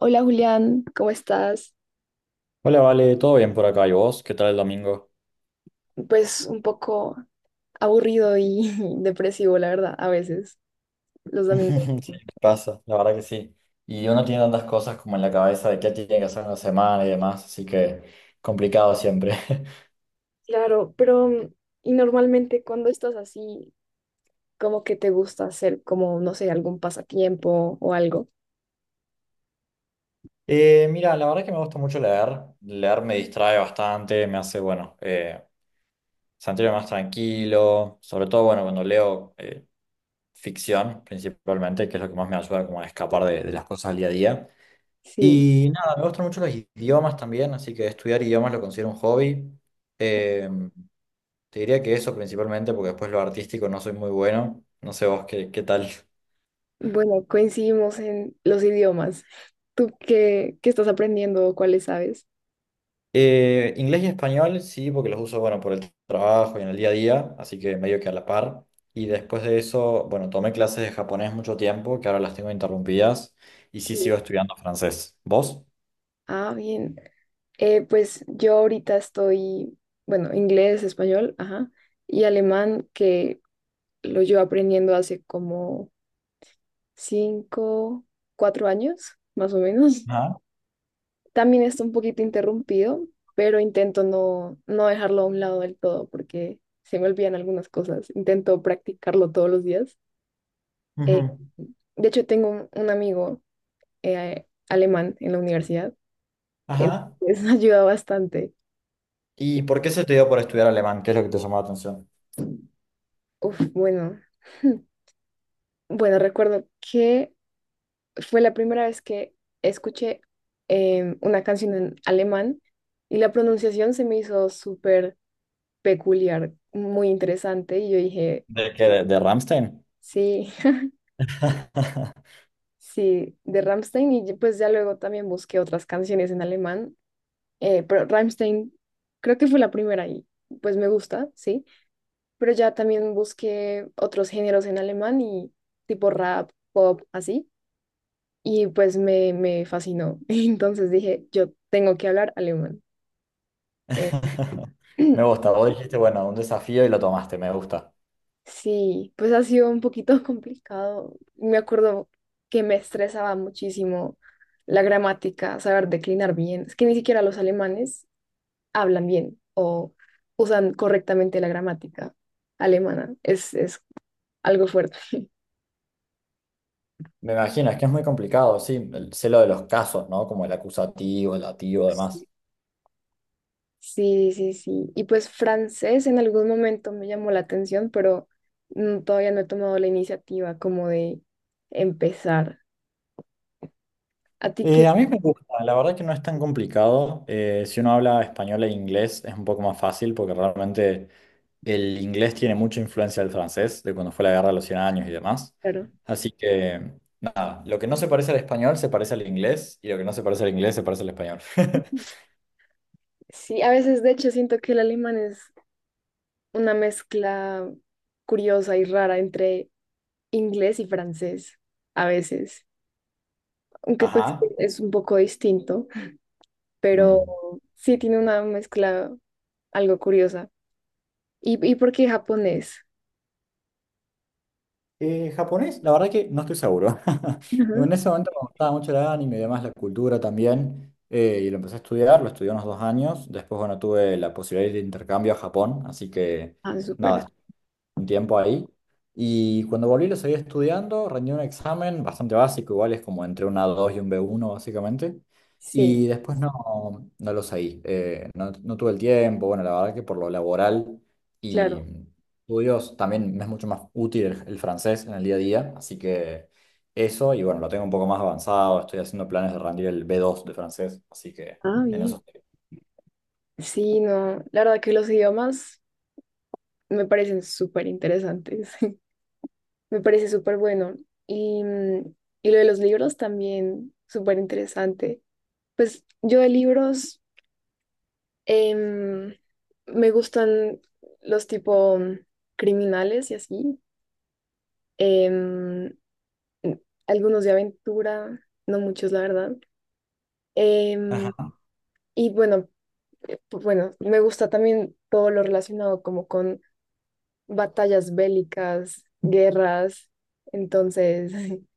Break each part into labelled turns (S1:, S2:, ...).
S1: Hola Julián, ¿cómo estás?
S2: Hola, Vale, ¿todo bien por acá? ¿Y vos? ¿Qué tal el domingo?
S1: Pues un poco aburrido y depresivo, la verdad, a veces, los domingos.
S2: Sí, pasa, la verdad que sí. Y uno tiene tantas cosas como en la cabeza de qué tiene que hacer en la semana y demás, así que complicado siempre.
S1: Claro, pero y normalmente cuando estás así, como que te gusta hacer como, no sé, algún pasatiempo o algo.
S2: Mira, la verdad que me gusta mucho leer. Leer me distrae bastante, me hace, bueno, sentirme más tranquilo, sobre todo, bueno, cuando leo ficción principalmente, que es lo que más me ayuda como a escapar de las cosas del día a día.
S1: Sí,
S2: Y nada, me gustan mucho los idiomas también, así que estudiar idiomas lo considero un hobby. Em, Te diría que eso principalmente, porque después lo artístico no soy muy bueno. No sé vos qué tal.
S1: bueno, coincidimos en los idiomas. ¿Tú qué estás aprendiendo o cuáles sabes?
S2: Inglés y español, sí, porque los uso, bueno, por el trabajo y en el día a día, así que medio que a la par. Y después de eso, bueno, tomé clases de japonés mucho tiempo, que ahora las tengo interrumpidas, y sí
S1: Sí,
S2: sigo estudiando francés. ¿Vos?
S1: ah, bien. Pues yo ahorita estoy, bueno, inglés, español, ajá, y alemán, que lo llevo aprendiendo hace como 5, 4 años, más o menos.
S2: Ajá.
S1: También está un poquito interrumpido, pero intento no dejarlo a un lado del todo porque se me olvidan algunas cosas. Intento practicarlo todos los días. Eh,
S2: Ujú.
S1: de hecho, tengo un amigo alemán en la universidad,
S2: Ajá.
S1: entonces ayuda bastante.
S2: ¿Y por qué se te dio por estudiar alemán? ¿Qué es lo que te llamó la atención?
S1: Uf, bueno, bueno, recuerdo que fue la primera vez que escuché una canción en alemán y la pronunciación se me hizo súper peculiar, muy interesante y yo dije.
S2: ¿De qué? ¿De Rammstein?
S1: Sí, sí, de Rammstein y pues ya luego también busqué otras canciones en alemán, pero Rammstein creo que fue la primera y pues me gusta, sí, pero ya también busqué otros géneros en alemán y tipo rap, pop, así. Y pues me fascinó. Entonces dije, yo tengo que hablar alemán. eh,
S2: Me gusta, vos dijiste, bueno, un desafío y lo tomaste, me gusta.
S1: Sí, pues ha sido un poquito complicado. Me acuerdo que me estresaba muchísimo la gramática, saber declinar bien. Es que ni siquiera los alemanes hablan bien o usan correctamente la gramática alemana. Es algo fuerte.
S2: Me imagino, es que es muy complicado, sí, el sé lo de los casos, ¿no? Como el acusativo, el dativo,
S1: Sí.
S2: demás.
S1: Sí, sí, sí. Y pues francés en algún momento me llamó la atención, pero todavía no he tomado la iniciativa como de empezar. ¿A ti qué?
S2: A mí me gusta, la verdad que no es tan complicado. Si uno habla español e inglés es un poco más fácil porque realmente el inglés tiene mucha influencia del francés, de cuando fue la guerra de los 100 años y demás.
S1: Claro.
S2: Así que, nada, lo que no se parece al español se parece al inglés y lo que no se parece al inglés se parece al español.
S1: Sí, a veces de hecho siento que el alemán es una mezcla curiosa y rara entre inglés y francés, a veces, aunque pues
S2: Ajá.
S1: es un poco distinto, pero
S2: Mm.
S1: sí tiene una mezcla algo curiosa. ¿Y por qué japonés?
S2: Japonés, la verdad que no estoy seguro.
S1: Ujú.
S2: En ese momento me gustaba mucho el anime y demás, la cultura también, y lo empecé a estudiar, lo estudié unos 2 años. Después, bueno, tuve la posibilidad de ir de intercambio a Japón, así que
S1: Ah, súper.
S2: nada, un tiempo ahí. Y cuando volví lo seguí estudiando, rendí un examen bastante básico, igual es como entre una 2 y un B1 básicamente.
S1: Sí,
S2: Y después no, no lo seguí, no, no tuve el tiempo, bueno, la verdad que por lo laboral y
S1: claro.
S2: estudios también me es mucho más útil el francés en el día a día, así que eso, y bueno, lo tengo un poco más avanzado, estoy haciendo planes de rendir el B2 de francés, así que
S1: Ah,
S2: en eso
S1: bien.
S2: estoy.
S1: Sí, no, la verdad que los idiomas me parecen súper interesantes, me parece súper bueno. Y, mm, y lo de los libros también, súper interesante. Pues yo de libros em, me gustan los tipo criminales y así. em, algunos de aventura, no muchos, la verdad. em,
S2: Ajá.
S1: y bueno, bueno, me gusta también todo lo relacionado como con batallas bélicas, guerras. Entonces,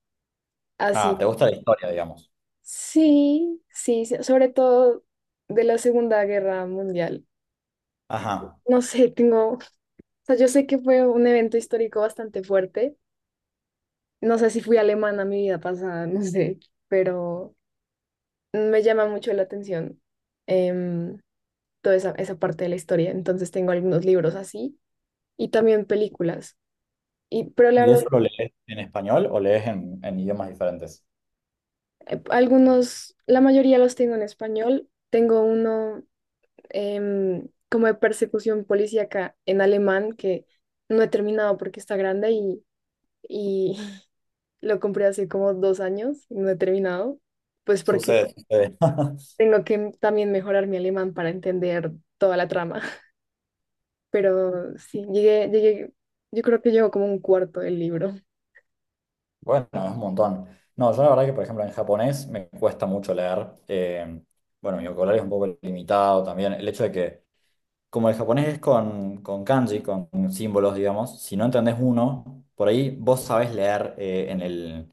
S2: Ah, ¿te
S1: así.
S2: gusta la historia, digamos?
S1: Sí, sí, sí, sobre todo de la Segunda Guerra Mundial.
S2: Ajá.
S1: No sé, tengo sea, yo sé que fue un evento histórico bastante fuerte. No sé si fui alemana mi vida pasada, no sé, pero me llama mucho la atención em, toda esa parte de la historia. Entonces tengo algunos libros así y también películas. Y, pero la
S2: ¿Y
S1: verdad,
S2: eso lo lees en español o lees en idiomas diferentes?
S1: algunos, la mayoría los tengo en español. Tengo uno como de persecución policíaca en alemán que no he terminado porque está grande y lo compré hace como 2 años y no he terminado, pues porque
S2: Sucede, sucede.
S1: tengo que también mejorar mi alemán para entender toda la trama. Pero sí, llegué, yo creo que llevo como un cuarto del libro.
S2: Bueno, es un montón. No, yo la verdad que, por ejemplo, en japonés me cuesta mucho leer. Bueno, mi vocabulario es un poco limitado también. El hecho de que, como el japonés es con kanji, con símbolos, digamos, si no entendés uno, por ahí vos sabés leer en el,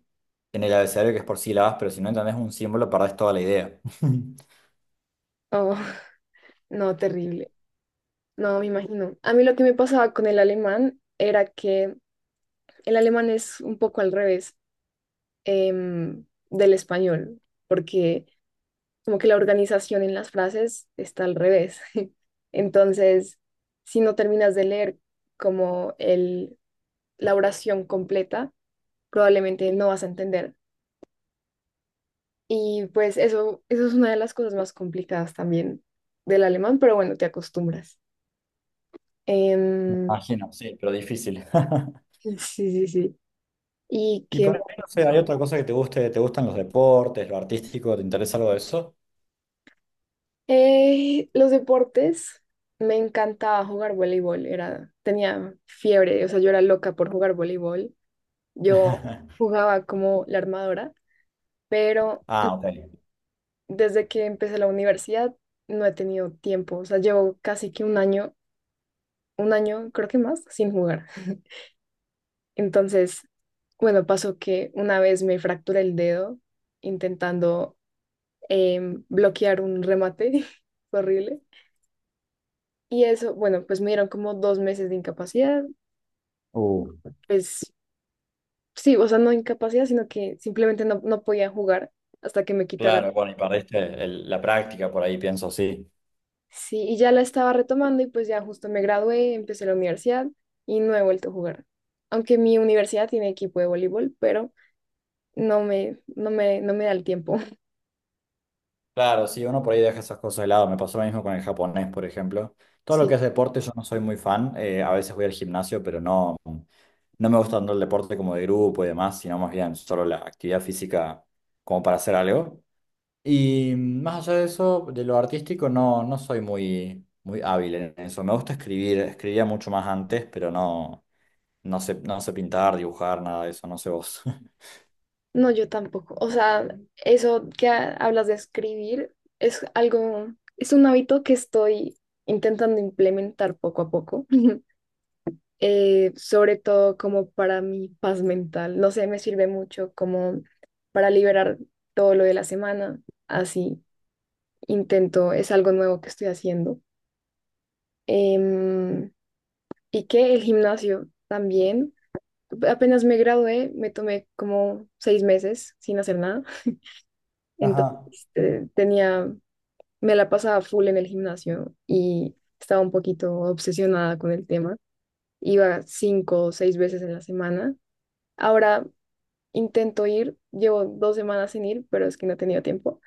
S2: en el abecedario que es por sílabas, pero si no entendés un símbolo, perdés toda la idea.
S1: Oh, no, terrible. No, me imagino. A mí lo que me pasaba con el alemán era que el alemán es un poco al revés del español, porque como que la organización en las frases está al revés. Entonces, si no terminas de leer como la oración completa, probablemente no vas a entender. Y pues eso es una de las cosas más complicadas también del alemán, pero bueno, te acostumbras. Em,
S2: Imagino, sí, pero difícil.
S1: sí, sí, sí. Y
S2: Y
S1: que.
S2: por ahí, no sé, ¿hay otra cosa que te guste? ¿Te gustan los deportes, lo artístico? ¿Te interesa algo de eso?
S1: Los deportes, me encantaba jugar voleibol, era, tenía fiebre, o sea, yo era loca por jugar voleibol. Yo jugaba como la armadora, pero
S2: Ah, ok.
S1: desde que empecé la universidad no he tenido tiempo. O sea, llevo casi que un año, creo que más, sin jugar. Entonces, bueno, pasó que una vez me fracturé el dedo intentando bloquear un remate horrible. Y eso, bueno, pues me dieron como 2 meses de incapacidad.
S2: Uh,
S1: Pues sí, o sea, no incapacidad, sino que simplemente no podía jugar hasta que me quitaran.
S2: claro, bueno, y perdiste la práctica por ahí, pienso, sí.
S1: Sí, y ya la estaba retomando y pues ya justo me gradué, empecé la universidad y no he vuelto a jugar. Aunque mi universidad tiene equipo de voleibol, pero no me da el tiempo.
S2: Claro, sí, uno por ahí deja esas cosas de lado. Me pasó lo mismo con el japonés, por ejemplo. Todo lo
S1: Sí.
S2: que es deporte, yo no soy muy fan. A veces voy al gimnasio, pero no, no me gusta tanto el deporte como de grupo y demás, sino más bien solo la actividad física como para hacer algo. Y más allá de eso, de lo artístico, no, no soy muy, muy hábil en eso. Me gusta escribir, escribía mucho más antes, pero no, no sé, no sé pintar, dibujar, nada de eso, no sé vos.
S1: No, yo tampoco. O sea, eso que hablas de escribir es algo, es un hábito que estoy intentando implementar poco a poco. Sobre todo como para mi paz mental. No sé, me sirve mucho como para liberar todo lo de la semana, así. Intento, es algo nuevo que estoy haciendo. Em, y que el gimnasio también, apenas me gradué, me tomé como 6 meses sin hacer nada, entonces
S2: Ajá.
S1: tenía, me la pasaba full en el gimnasio y estaba un poquito obsesionada con el tema. Iba cinco o seis veces en la semana. Ahora intento ir, llevo 2 semanas sin ir, pero es que no he tenido tiempo.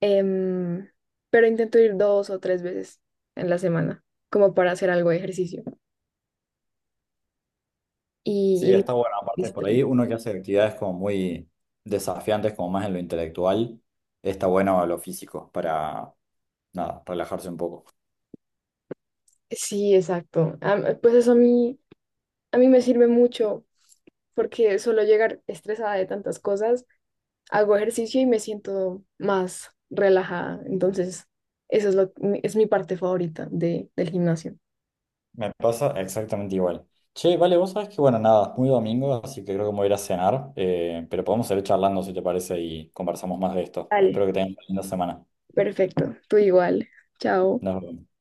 S1: Em, pero intento ir dos o tres veces en la semana, como para hacer algo de ejercicio.
S2: Sí,
S1: Y,
S2: está bueno.
S1: y
S2: Aparte, por
S1: estrés.
S2: ahí uno que hace actividades como muy desafiantes, como más en lo intelectual, está bueno lo físico para, nada, relajarse un poco.
S1: Sí, exacto. Pues eso a mí me sirve mucho porque solo llegar estresada de tantas cosas, hago ejercicio y me siento más relajada. Entonces, eso es lo, es mi parte favorita del gimnasio.
S2: Me pasa exactamente igual. Che, vale, vos sabés que, bueno, nada, es muy domingo, así que creo que me voy a ir a cenar, pero podemos seguir charlando si te parece y conversamos más de esto.
S1: Vale.
S2: Espero que tengas una linda semana.
S1: Perfecto. Tú igual. Chao.
S2: Nos vemos.